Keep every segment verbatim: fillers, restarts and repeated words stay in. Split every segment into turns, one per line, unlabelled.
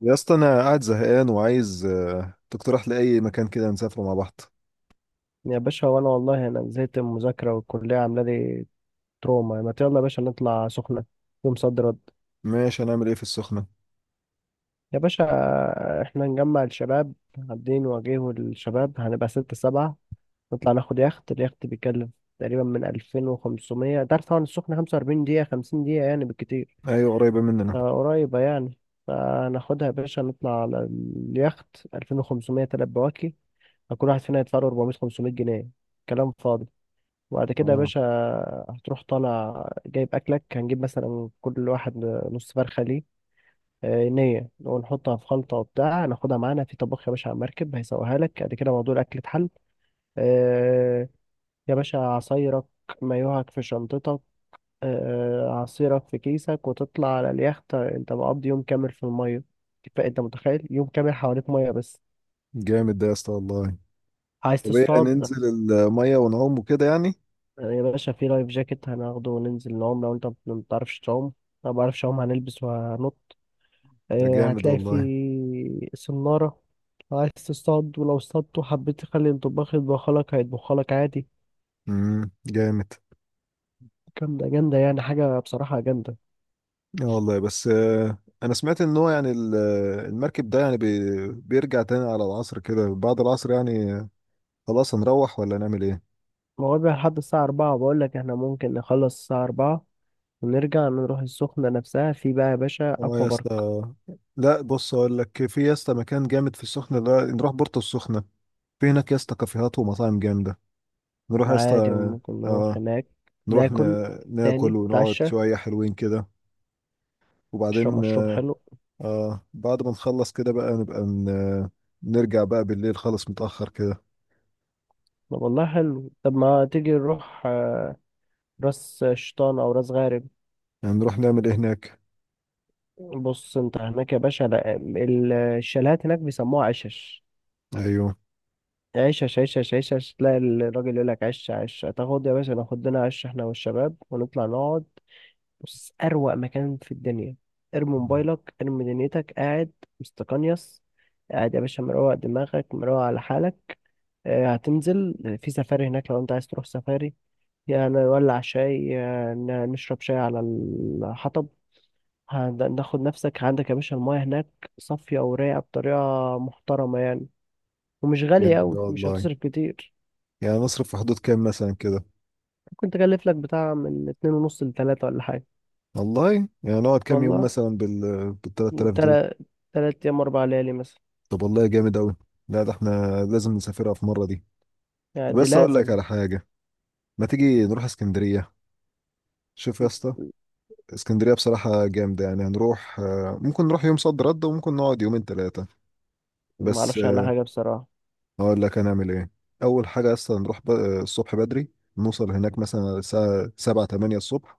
يا اسطى، انا قاعد زهقان وعايز آه، تقترح لي اي مكان كده نسافره مع بعض.
يا باشا، وانا والله انا زهقت من المذاكره والكليه عامله لي تروما. ما يلا يا باشا نطلع سخنه يوم صد رد.
ماشي، هنعمل ايه في السخنة؟
يا باشا احنا نجمع الشباب، عاملين نواجهه الشباب، هنبقى ستة سبعة، نطلع ناخد يخت. اليخت بيتكلف تقريبا من ألفين وخمسمية، تعرف طبعا السخنة خمسة وأربعين دقيقة، خمسين دقيقة يعني بالكتير.
ايوه، قريبة مننا.
آه، قريبة يعني. فناخدها يا باشا نطلع على اليخت. ألفين وخمسمية تلات بواكي، فكل واحد فينا يدفع له أربعمية خمسمية جنيه، كلام فاضي. وبعد كده يا
اه،
باشا هتروح طالع جايب أكلك. هنجيب مثلا كل واحد نص فرخة ليه آه، نية، ونحطها في خلطة وبتاع، ناخدها معانا في طباخ يا باشا على المركب، هيسويها لك. بعد كده موضوع الأكل اتحل. آه، يا باشا عصايرك، مايوهك في شنطتك، آه، عصيرك في كيسك، وتطلع على اليخت. انت مقضي يوم كامل في المية، فأنت متخيل يوم كامل حواليك مية بس.
جامد ده يا اسطى والله.
عايز
طب ايه،
تصطاد؟
هننزل المية ونعوم وكده يعني؟
آه، يا باشا في لايف جاكيت هناخده وننزل نعوم. لو انت ما بتعرفش تعوم، انا ما بعرفش اعوم، هنلبس وهنط.
ده
آه،
جامد
هتلاقي
والله.
في سنارة. لو عايز تصطاد، ولو اصطادت وحبيت تخلي الطباخ يطبخلك، هيطبخلك عادي.
امم جامد.
جامدة جامدة يعني حاجة بصراحة جامدة.
اه والله، بس آه، انا سمعت ان هو يعني ال- آه، المركب ده يعني بي- بيرجع تاني على العصر كده، بعد العصر يعني آه، خلاص، هنروح ولا نعمل ايه؟
موابع لحد الساعة أربعة. بقولك احنا ممكن نخلص الساعة أربعة، ونرجع نروح السخنة نفسها. في بقى يا باشا
اه
أكوا
يا
بارك،
اسطى. لا، بص اقول لك، في يا اسطى مكان جامد في السخنة ده، نروح بورتو السخنة. في هناك يا اسطى كافيهات ومطاعم جامدة. نروح يا اسطى.
عادي ممكن نروح
اه.
هناك،
نروح، ن...
ناكل، تاني
ناكل ونقعد
نتعشى،
شوية حلوين كده.
نشرب
وبعدين
مشروب
آه...
حلو.
آه بعد ما نخلص كده بقى نبقى ن... آه، نرجع بقى بالليل خالص متأخر كده.
طب والله حلو. طب ما تيجي نروح آه، راس شيطان او راس غارب.
يعني نروح نعمل ايه هناك؟
بص، انت هناك يا باشا، لا، ال- الشاليهات هناك بيسموها عشش
ايوه،
عشش عشش عشش. تلاقي الراجل يقول لك عش عش. تاخد يا باشا، ناخد لنا عش احنا والشباب، ونطلع نقعد. بص، اروق مكان في الدنيا. ارمي موبايلك، ارمي دنيتك، قاعد مستقنيس، قاعد يا باشا، مروق دماغك، مروق على حالك. آه، هتنزل. في سفاري هناك لو انت عايز تروح سفاري. يعني نولع شاي، آه، ن- نشرب شاي على الحطب. هن- ناخد نفسك. عندك يا باشا المايه هناك صافية ورايقة بطريقة محترمة يعني. ومش غالية
جامد
أوي،
ده
مش
والله.
هتصرف كتير.
يعني نصرف في حدود كام مثلا كده؟
ممكن تكلف لك بتاع من اتنين ونص لتلاتة ولا حاجة.
والله. يعني نقعد كام يوم
والله،
مثلا بال بال ثلاثة آلاف دول؟
تلات تلات أيام، أربع ليالي مثلا.
طب والله، جامد أوي. لا، ده احنا لازم نسافرها في مرة دي.
يعني
طب،
دي
بس أقول لك
لازم.
على حاجة. ما تيجي نروح اسكندرية؟ شوف يا اسطى. اسكندرية بصراحة جامدة، يعني هنروح آه، ممكن نروح يوم صد رد، وممكن نقعد يومين ثلاثة. بس
معرفش عنها
آه،
حاجة بصراحة.
هقول لك هنعمل ايه. أول حاجة أصلا نروح ب- آه، الصبح بدري. نوصل هناك مثلا الساعة سبعة تمانية الصبح.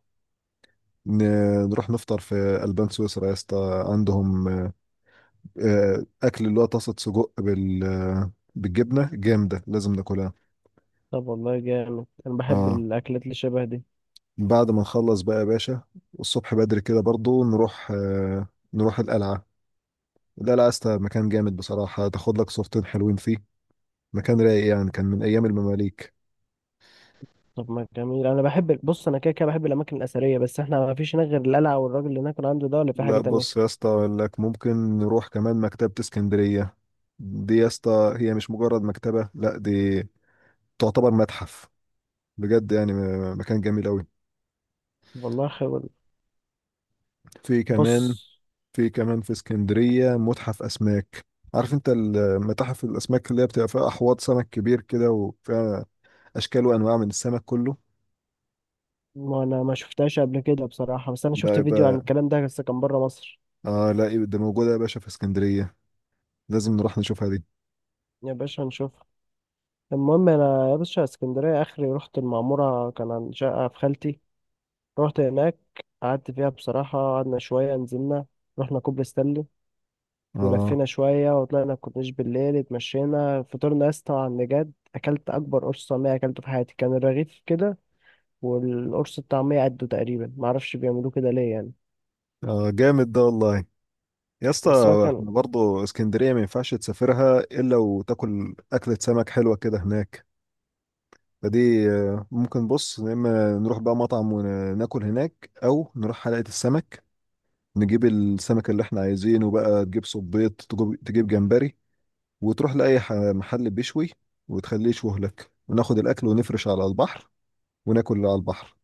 ن- نروح نفطر في ألبان سويسرا يا اسطى، عندهم آه، آه، أكل اللي هو طاسة سجق بال آه، بالجبنة جامدة، لازم ناكلها.
طب والله جامد، أنا بحب
اه،
الأكلات اللي شبه دي.
بعد ما نخلص بقى يا باشا، الصبح بدري كده برضو نروح آه، نروح القلعة. القلعة يا اسطى مكان جامد بصراحة، تاخد لك صورتين حلوين فيه. مكان رايق يعني، كان من ايام المماليك.
طب ما جميل، أنا بحب، بص أنا كده كده بحب الأماكن الأثرية. بس إحنا ما فيش هناك غير القلعة والراجل اللي هناك عنده ده، ولا في حاجة
لا، بص يا
تانية؟
اسطى اقول لك، ممكن نروح كمان مكتبة اسكندرية. دي يا اسطى هي مش مجرد مكتبة، لا دي تعتبر متحف. بجد يعني م- مكان جميل قوي.
والله خير والله.
في
بص،
كمان. في كمان في اسكندرية متحف اسماك. عارف انت المتاحف الاسماك اللي هي بتبقى فيها احواض سمك كبير كده وفيها اشكال وانواع من السمك كله.
ما انا ما شفتهاش قبل كده بصراحة، بس انا
ده
شفت فيديو عن
يبقى،
الكلام ده، بس كان بره مصر.
اه لا يبقى ده موجودة يا باشا في اسكندرية، لازم نروح نشوفها دي.
يا باشا هنشوفها. المهم انا يا باشا، اسكندرية اخري رحت المعمورة كان عند شقة في خالتي. رحت هناك، قعدت فيها بصراحة، قعدنا شوية، نزلنا، رحنا كوبري ستانلي،
اه.
ولفينا شوية، وطلعنا الكورنيش بالليل، اتمشينا، فطرنا يا اسطى على النجاد. أكلت أكبر قرص طعمية أكلته في حياتي، كان الرغيف كده والقرص الطعمية قده تقريبا. معرفش بيعملوه كده ليه يعني،
اه، جامد ده والله يا اسطى.
بس هو كان.
احنا برضه اسكندرية ما ينفعش تسافرها إلا وتاكل أكلة سمك حلوة كده هناك. فدي آه، ممكن بص، يا إما نروح بقى مطعم وناكل هناك، أو نروح حلقة السمك، نجيب السمك اللي احنا عايزينه بقى، تجيب صبيط، تجيب تجيب جمبري، وتروح لأي ح- محل بيشوي، وتخليه يشوه لك، وناخد الأكل ونفرش على البحر، وناكل على البحر.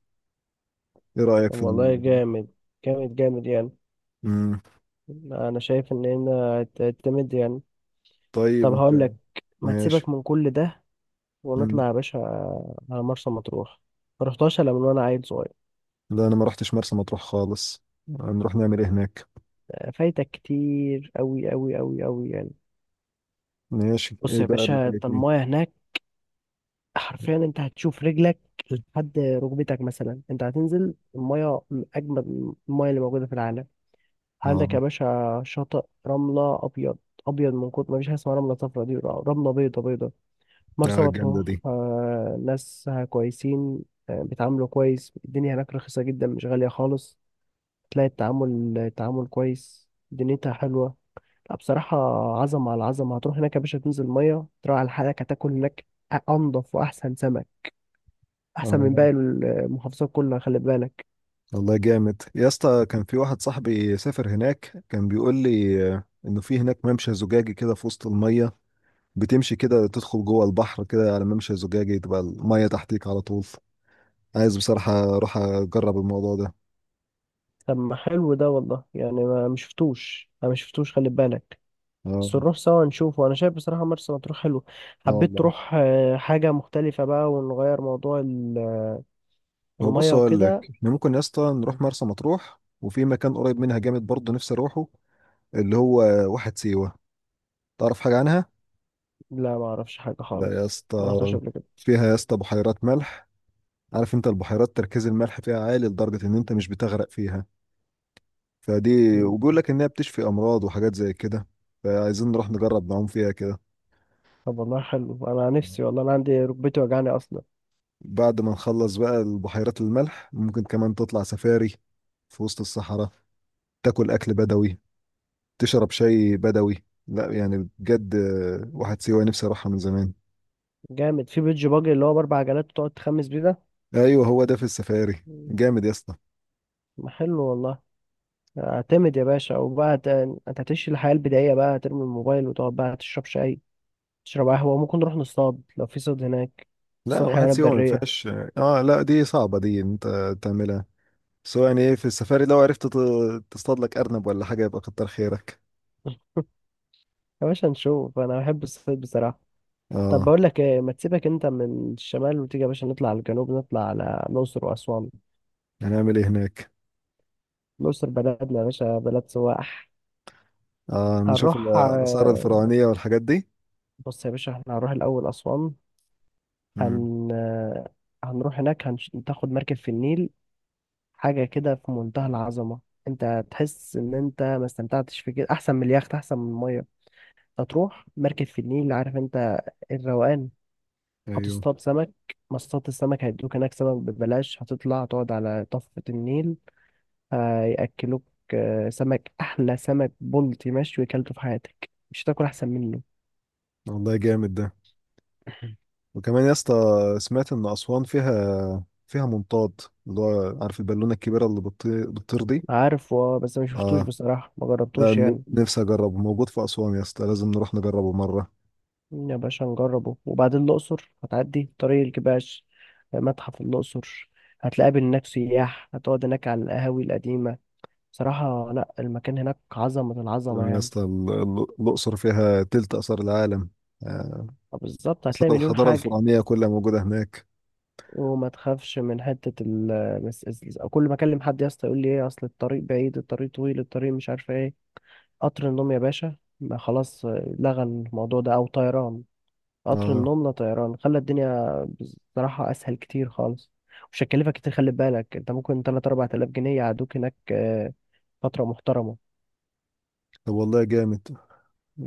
إيه رأيك
طب
في ال...
والله جامد، جامد جامد يعني.
مم.
انا شايف ان هنا هتعتمد يعني.
طيب
طب هقول
أنت.
لك، ما تسيبك
ماشي.
من كل ده،
مم.
ونطلع يا باشا على مرسى مطروح. ما رحتهاش الا من وانا عيل صغير.
لا، أنا ما رحتش مرسى مطروح خالص. هنروح نعمل إيه هناك؟
فايتك كتير قوي قوي قوي قوي يعني.
ماشي،
بص
ايه
يا
بقى اللي
باشا، انت
فايتني؟
المايه هناك، حرفيا انت هتشوف رجلك لحد ركبتك مثلا. انت هتنزل المايه من اجمد المايه اللي موجوده في العالم. عندك يا
اه
باشا شاطئ رمله ابيض، ابيض من كتر ما فيش حاجه اسمها رمله صفرا. دي رمله بيضه بيضه. مرسى
لا، جامدة
مطروح
دي.
آه، ناسها كويسين. آه، بيتعاملوا كويس، الدنيا هناك رخيصة جدا، مش غالية خالص. تلاقي التعامل التعامل كويس، دنيتها حلوة. لا بصراحة، عظمة على عظمة. هتروح هناك يا باشا تنزل مية، تروح على حالك، هتاكل هناك أنضف وأحسن سمك، أحسن من
اه
باقي المحافظات كلها، خلي بالك.
والله جامد يا اسطى، كان في واحد صاحبي سافر هناك، كان بيقول لي آه، انه في هناك ممشى زجاجي كده في وسط المية، بتمشي كده تدخل جوه البحر كده على ممشى زجاجي، تبقى المية تحتيك على طول. عايز بصراحة اروح اجرب الموضوع ده.
طب ما حلو ده والله يعني، ما مشفتوش أنا مشفتوش خلي بالك.
اه.
بس نروح سوا نشوفه. أنا شايف بصراحة مرسى مطروح حلو.
اه
حبيت
والله.
تروح آه، حاجة مختلفة بقى، ونغير موضوع
هو بص
المية
اقول لك،
وكده.
احنا ممكن يا اسطى نروح مرسى مطروح، وفي مكان قريب منها جامد برضه نفسي اروحه، اللي هو واحد سيوة. تعرف حاجة عنها؟
لا، ما اعرفش حاجة
لا يا
خالص، ما
اسطى.
رحتش قبل كده.
فيها يا اسطى بحيرات ملح. عارف انت البحيرات، تركيز الملح فيها عالي لدرجة ان انت مش بتغرق فيها، فدي
مم.
وبيقول لك انها بتشفي امراض وحاجات زي كده، فعايزين نروح نجرب نعوم فيها كده.
طب والله حلو، انا نفسي، والله انا عندي ركبتي وجعني اصلا.
بعد ما نخلص بقى البحيرات الملح، ممكن كمان تطلع سفاري في وسط الصحراء، تاكل اكل بدوي، تشرب شاي بدوي، لا يعني بجد آه،
مم.
واحد سيوة نفسي اروحها من زمان.
جامد في بيتش باجي اللي هو باربع عجلات، وتقعد تخمس بيه ده.
ايوه، هو ده، في السفاري
مم.
جامد يا اسطى.
ما حلو والله. اعتمد يا باشا، وبقى هت- انت هتعيش الحياة البدائية، بقى هترمي الموبايل، وتقعد بقى تشرب شاي، تشرب قهوة، وممكن نروح نصطاد لو في صيد هناك،
لا،
نصطاد
واحد
حيوانات
سيوم ما
برية.
فيهاش. اه لا، دي صعبة دي، انت تعملها. بس هو يعني ايه في السفاري؟ لو عرفت ت- تصطاد لك ارنب ولا حاجة يبقى كتر خيرك.
يا باشا نشوف، انا بحب الصيد بصراحة. طب
اه.
بقول لك ايه، ما تسيبك انت من الشمال، وتيجي يا باشا نطلع على الجنوب، نطلع على الأقصر وأسوان.
هنعمل ايه هناك؟
الأقصر بلدنا يا باشا، بلد سواح.
اه، نشوف ال-
هنروح
الآثار
آه،
الفرعونية والحاجات دي.
بص يا باشا، احنا هنروح الأول أسوان.
امم.
هن آه، هنروح هناك، هناخد مركب في النيل، حاجة كده في منتهى العظمة. انت تحس ان انت ما استمتعتش في كده، احسن من اليخت، احسن من المية. هتروح مركب في النيل، عارف انت الروقان.
ايوه
هتصطاد سمك، مصطاد السمك هيدوك هناك سمك ببلاش. هتطلع تقعد على ضفة النيل، هيأكلوك آه، سمك. أحلى سمك بلطي مشوي أكلته في حياتك، مش هتاكل أحسن منه.
والله، جامد ده. وكمان يا اسطى، سمعت ان اسوان فيها فيها منطاد، اللي هو عارف البالونة الكبيرة اللي بتطي- بتطير دي.
عارف، اه، بس ما شفتوش
اه.
بصراحة، ما
ده
جربتوش
ن-
يعني.
نفسي اجربه، موجود في اسوان يا اسطى، لازم نروح نجربه مرة.
يا باشا نجربه. وبعدين الأقصر هتعدي طريق الكباش، متحف الأقصر، هتلاقي هناك سياح، هتقعد هناك على القهاوي القديمة. صراحة لا، المكان هناك عظمة العظمة
تمام يا
يعني.
اسطى، ال- ال- الأقصر فيها تلت آثار العالم، آه،
آه، بالظبط هتلاقي
آثار
مليون
الحضارة
حاجة.
الفرعونية كلها موجودة هناك.
وما تخافش من حتة ال بس- بس- كل ما أكلم حد يا اسطى يقول لي إيه، أصل الطريق بعيد، الطريق طويل، الطريق مش عارفة إيه. قطر النوم يا باشا ما خلاص، آه، لغى الموضوع ده، أو طيران. قطر
اه.
النوم لا، طيران خلى الدنيا بصراحة أسهل كتير خالص. مش هتكلفك كتير، خلي بالك أنت، ممكن تلات أربع تلاف جنيه يقعدوك هناك آه، فترة محترمة.
طب والله، جامد.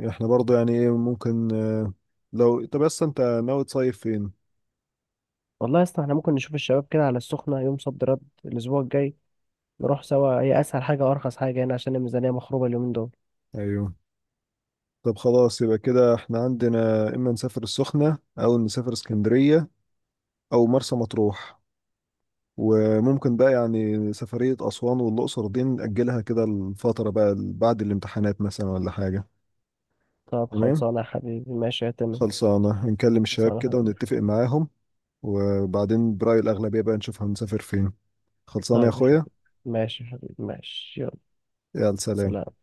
احنا برضو يعني ايه ممكن آه، لو طب بس انت ناوي تصيف فين؟
والله يا اسطى، احنا ممكن نشوف الشباب كده على السخنة يوم صد رد الأسبوع الجاي. نروح سوا، هي أسهل حاجة وأرخص حاجة هنا، عشان الميزانية مخروبة اليومين دول.
ايوه. طب خلاص، يبقى كده احنا عندنا اما نسافر السخنة، او نسافر اسكندرية، او مرسى مطروح. وممكن بقى يعني سفرية أسوان والأقصر دي نأجلها كده الفترة بقى بعد الامتحانات مثلا ولا حاجة.
طب
تمام.
خلصانة يا حبيبي، ماشي يا تمام.
خلصانة، نكلم الشباب
خلصانة يا
كده
حبيبي.
ونتفق معاهم، وبعدين برأي الأغلبية بقى نشوف هنسافر فين. خلصانة يا
طيب يا
أخويا.
حبيبي، ماشي يا حبيبي، ماشي، يلا
يلا، سلام.
سلام.